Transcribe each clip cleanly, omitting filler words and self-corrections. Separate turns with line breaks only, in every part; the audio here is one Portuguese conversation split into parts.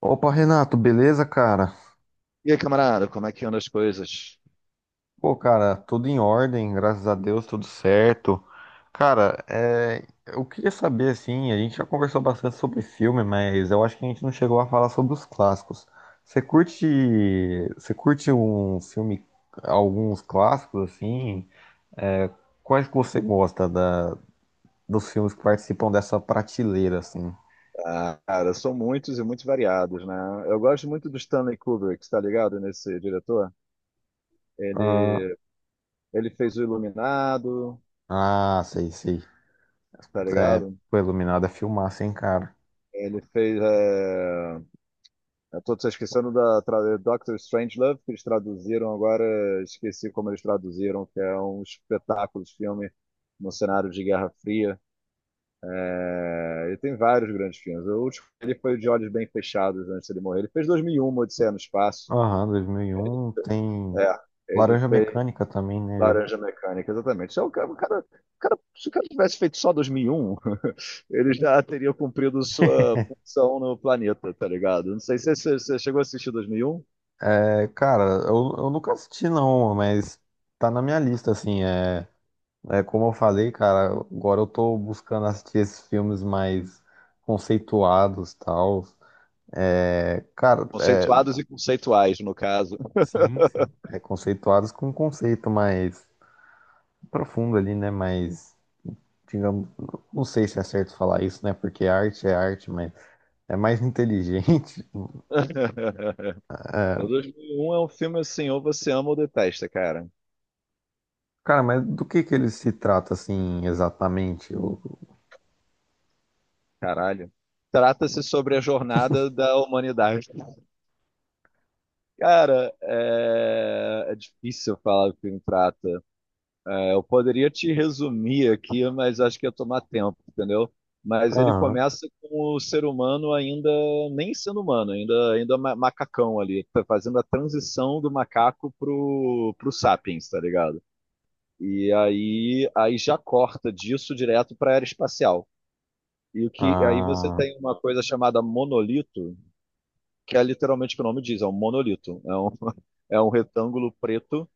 Opa, Renato, beleza, cara?
E aí, camarada, como é que andam as coisas?
Pô, cara, tudo em ordem, graças a Deus, tudo certo. Cara, é, eu queria saber, assim, a gente já conversou bastante sobre filme, mas eu acho que a gente não chegou a falar sobre os clássicos. Você curte, você curte um filme, alguns clássicos, assim? É, quais que você gosta dos filmes que participam dessa prateleira, assim?
Ah, cara, são muitos e muito variados, né? Eu gosto muito do Stanley Kubrick, tá ligado? Nesse diretor.
Ah,
Ele, ele fez o Iluminado,
ah, sei, sei.
tá
É,
ligado?
pô, Iluminado é filmaço, hein, cara?
Ele fez. Eu tô esquecendo da tra... Doctor Strangelove, que eles traduziram agora, esqueci como eles traduziram, que é um espetáculo de filme no cenário de Guerra Fria. É, ele tem vários grandes filmes. O último ele foi o de Olhos Bem Fechados antes de ele morrer. Ele fez 2001, Odisseia no Espaço.
Aham, 2001 tem
É, ele
Laranja
fez
Mecânica também, né?
Laranja Mecânica, exatamente. Se o cara, o cara, o cara- Se o cara tivesse feito só 2001, ele já teria cumprido sua função no planeta, tá ligado? Não sei se você chegou a assistir 2001.
É, cara, eu nunca assisti não, mas tá na minha lista, assim, é como eu falei, cara, agora eu tô buscando assistir esses filmes mais conceituados, tal, é, cara, é,
Conceituados e conceituais, no caso.
sim, sim, é conceituados com um conceito mais profundo ali, né, mais, digamos, não sei se é certo falar isso, né, porque arte é arte, mas é mais inteligente,
O 2001 é um filme assim, ou você ama ou detesta, cara.
Cara, mas do que ele se trata assim exatamente? Eu-
Caralho. Trata-se sobre a jornada da humanidade. Cara, é, é difícil falar o que o trata. Eu poderia te resumir aqui, mas acho que ia tomar tempo, entendeu? Mas ele
Aham.
começa com o ser humano ainda nem sendo humano, macacão ali, tá fazendo a transição do macaco pro sapiens, tá ligado? E aí já corta disso direto para a era espacial. E o que aí você
Ah,
tem uma coisa chamada monolito, que é literalmente o que o nome diz, é um monolito, é um é um retângulo preto,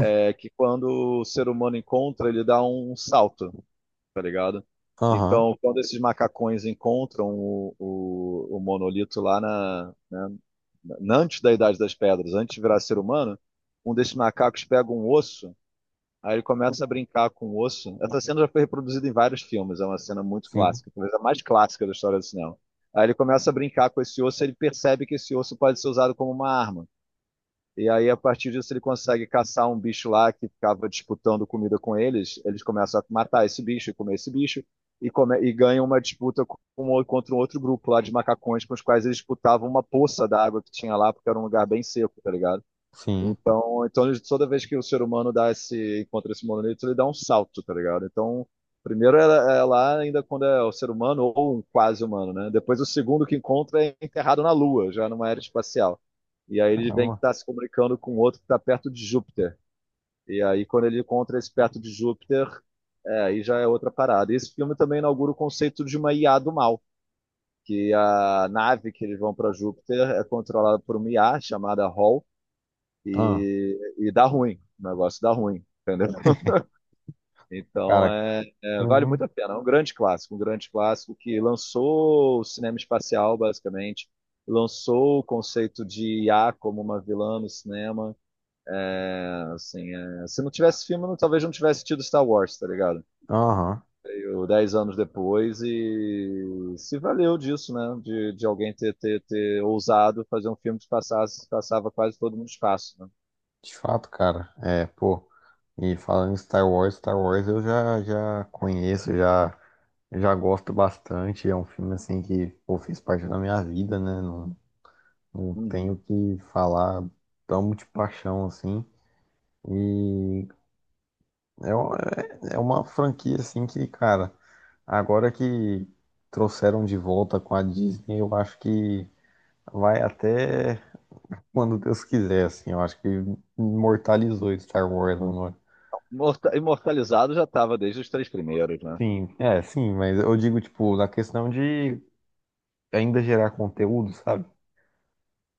é que quando o ser humano encontra, ele dá um salto. Tá ligado?
aham.
Então, quando esses macacões encontram o monolito lá na, né, antes da Idade das Pedras, antes de virar ser humano, um desses macacos pega um osso, aí ele começa a brincar com o osso. Essa cena já foi reproduzida em vários filmes, é uma cena muito
Sim,
clássica, talvez a mais clássica da história do cinema. Aí ele começa a brincar com esse osso, ele percebe que esse osso pode ser usado como uma arma. E aí, a partir disso, ele consegue caçar um bicho lá que ficava disputando comida com eles. Eles começam a matar esse bicho e comer esse bicho. E, come, e ganham uma disputa com, contra um outro grupo lá de macacões com os quais eles disputavam uma poça d'água que tinha lá, porque era um lugar bem seco, tá ligado?
sim.
Então, toda vez que o ser humano dá esse, encontra esse monolito, ele dá um salto, tá ligado? Então, primeiro é, é lá ainda quando é o ser humano ou um quase humano, né? Depois o segundo que encontra é enterrado na Lua, já numa era espacial. E aí ele vem que
Caramba.
está se comunicando com outro que está perto de Júpiter. E aí quando ele encontra esse perto de Júpiter, é, aí já é outra parada. E esse filme também inaugura o conceito de uma IA do mal, que a nave que eles vão para Júpiter é controlada por uma IA chamada HAL,
Ah,
e dá ruim, o negócio dá ruim, entendeu? Então
cara.
é, é, vale
Uhum,
muito a pena, é um grande clássico que lançou o cinema espacial, basicamente, lançou o conceito de IA como uma vilã no cinema. É, assim, é, se não tivesse filme, não- talvez não tivesse tido Star Wars, tá ligado?
aham.
Eu, 10 anos depois e se valeu disso, né? De alguém ter, ter, ter ousado fazer um filme que passasse, passava quase todo mundo no espaço, né?
De fato, cara. É, pô. E falando em Star Wars, Star Wars eu já conheço, já gosto bastante. É um filme assim que, pô, fez parte da minha vida, né? Não, não tenho
Uhum.
o que falar. Amo de paixão, assim. E é, uma- é uma franquia, assim, que, cara. Agora que trouxeram de volta com a Disney, eu acho que vai até quando Deus quiser, assim. Eu acho que imortalizou Star Wars agora.
Imortalizado já estava desde os três primeiros, né?
Sim, é, sim, mas eu digo, tipo, na questão de ainda gerar conteúdo, sabe?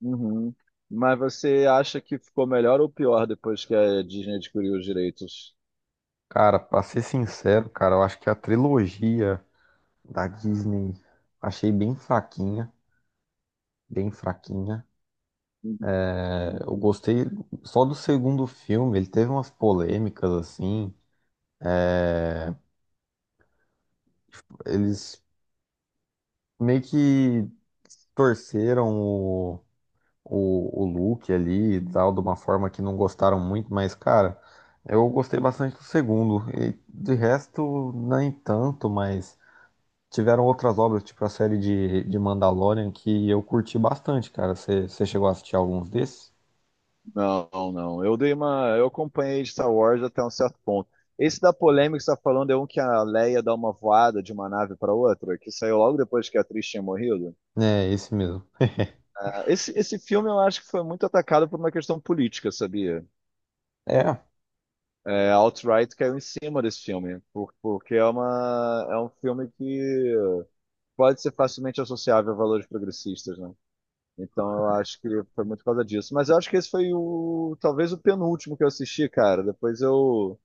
Uhum. Mas você acha que ficou melhor ou pior depois que a Disney adquiriu os direitos?
Cara, pra ser sincero, cara, eu acho que a trilogia da Disney achei bem fraquinha, bem fraquinha. É, eu gostei só do segundo filme, ele teve umas polêmicas, assim. É, eles meio que torceram o Luke ali e tal, de uma forma que não gostaram muito, mas, cara, eu gostei bastante do segundo. E de resto, nem tanto, mas tiveram outras obras, tipo a série de Mandalorian, que eu curti bastante, cara. Você chegou a assistir alguns desses?
Não, não. Eu dei uma, eu acompanhei Star Wars até um certo ponto. Esse da polêmica que você está falando é um que a Leia dá uma voada de uma nave para outra, que saiu logo depois que a atriz tinha morrido.
É, esse mesmo.
Esse filme eu acho que foi muito atacado por uma questão política, sabia?
É.
É, a alt-right caiu em cima desse filme, porque é uma, é um filme que pode ser facilmente associável a valores progressistas, né? Então eu acho que foi muito por causa disso. Mas eu acho que esse foi o talvez o penúltimo que eu assisti, cara. Depois eu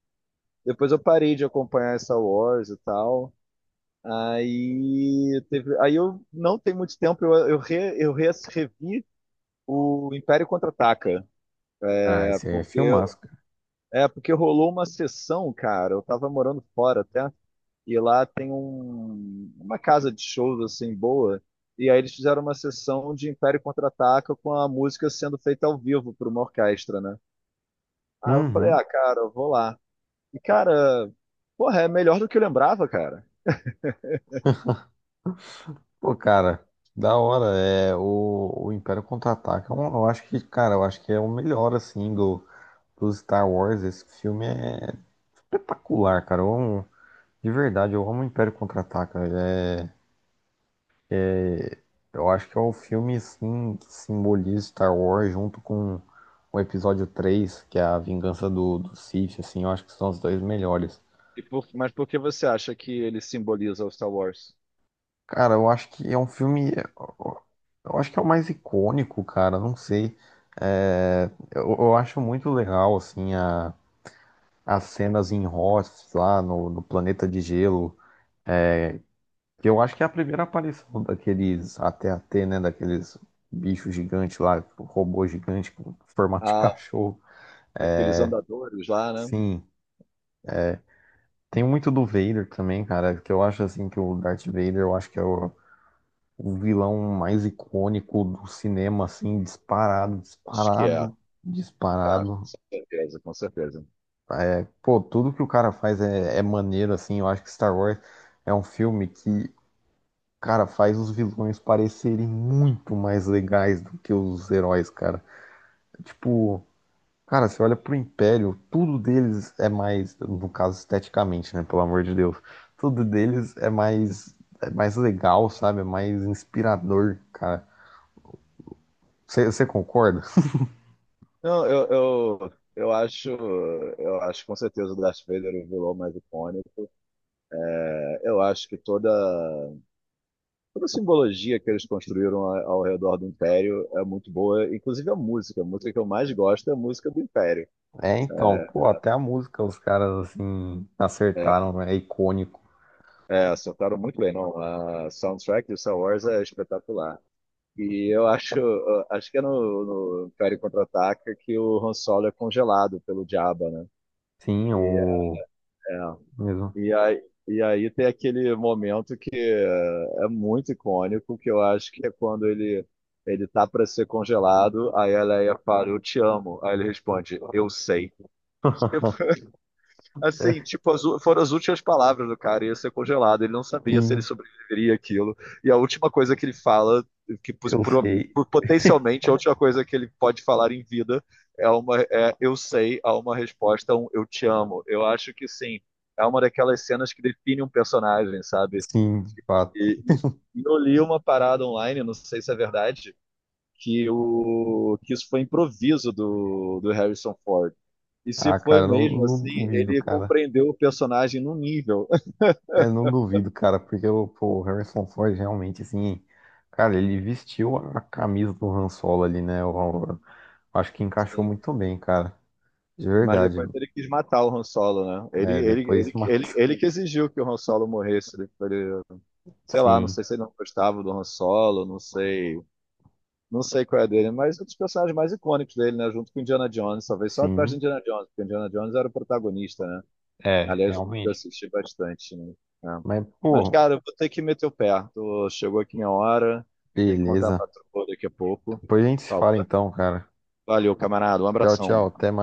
depois eu parei de acompanhar Star Wars e tal. Aí teve, aí eu não tem muito tempo eu revi o Império Contra-Ataca,
Ah,
é
esse aí é
porque eu-
filmaço, cara.
é porque rolou uma sessão, cara. Eu tava morando fora até. E lá tem um, uma casa de shows assim boa. E aí eles fizeram uma sessão de Império Contra-Ataca com a música sendo feita ao vivo por uma orquestra, né? Aí eu falei,
Uhum.
ah, cara, eu vou lá. E, cara, porra, é melhor do que eu lembrava, cara.
Pô, cara, da hora. É, o Império Contra-Ataca, eu acho que, cara, eu acho que é o melhor, assim, do Star Wars, esse filme é espetacular, cara. Eu amo, de verdade, eu amo o Império Contra-Ataca. Eu acho que é o filme assim, que simboliza Star Wars junto com o episódio 3 que é a vingança do Sith, assim, eu acho que são os dois melhores.
E mas por que você acha que ele simboliza o Star Wars?
Cara, eu acho que é um filme. Eu acho que é o mais icônico, cara. Não sei. É, eu acho muito legal, assim, as cenas em Hoth lá no planeta de gelo. Que eu acho que é a primeira aparição daqueles AT-AT, né? Daqueles bichos gigantes lá, tipo, robô gigante com formato de
Ah,
cachorro.
aqueles andadores lá, né?
Sim. Tem muito do Vader também, cara, que eu acho assim que o Darth Vader, eu acho que é o vilão mais icônico do cinema, assim, disparado,
Acho que é, é,
disparado,
com
disparado.
certeza, com certeza.
É, pô, tudo que o cara faz é maneiro, assim. Eu acho que Star Wars é um filme que, cara, faz os vilões parecerem muito mais legais do que os heróis, cara. Tipo, cara, você olha pro Império, tudo deles é mais, no caso esteticamente, né, pelo amor de Deus, tudo deles é mais legal, sabe? É mais inspirador, cara. Você concorda?
Não, eu, eu acho, eu acho com certeza o Darth Vader o vilão mais icônico. Eu acho que toda, toda a simbologia que eles construíram ao redor do Império é muito boa, inclusive a música. A música que eu mais gosto é a música do Império.
É, então, pô, até a música os caras, assim,
É,
acertaram, né? É icônico.
é acertaram muito bem, não? A soundtrack de Star Wars é espetacular. E eu acho, acho que é no, no Império Contra-Ataca que o Han Solo é congelado pelo Jabba, né?
Sim,
E
o mesmo.
é. E aí tem aquele momento que é é muito icônico, que eu acho que é quando ele tá para ser congelado, aí a Leia fala, eu te amo. Aí ele responde, eu sei. Assim, tipo, foram as últimas palavras do cara, ia ser congelado, ele não sabia se ele
Sim,
sobreviveria àquilo. E a última coisa que ele fala, que pos-
eu
pro-
sei.
por- potencialmente a última coisa que ele pode falar em vida é uma é, eu sei, a uma resposta, um eu te amo. Eu acho que sim, é uma daquelas cenas que define um personagem, sabe?
Sim, de fato.
E, e e eu li uma parada online, não sei se é verdade, que, o, que isso foi improviso do, do Harrison Ford. E se
Ah,
foi
cara, não,
mesmo
não
assim,
duvido,
ele
cara.
compreendeu o personagem num nível.
Eu não duvido, cara, porque o, pô, o Harrison Ford realmente, assim, cara, ele vestiu a camisa do Han Solo ali, né? Eu acho que encaixou
assim.
muito bem, cara. De
Mas
verdade.
depois ele quis matar o Han Solo, né? Ele,
É,
ele,
depois
ele,
matou.
ele, ele que exigiu que o Han Solo morresse. Ele, ele- sei lá, não
Sim,
sei se ele não gostava do Han Solo, não sei, não sei qual é a dele, mas um dos personagens mais icônicos dele, né? Junto com Indiana Jones, talvez só atrás de
sim.
Indiana Jones, porque Indiana Jones era o protagonista, né?
É,
Aliás, eu
realmente.
assisti bastante, né? É.
Mas,
Mas,
pô,
cara, eu vou ter que meter o pé. Chegou aqui minha hora. Tem que contar pra
beleza.
patroa daqui a pouco. Por
Depois a gente se fala
favor.
então, cara.
Valeu, camarada. Um
Tchau, tchau.
abração.
Até mais.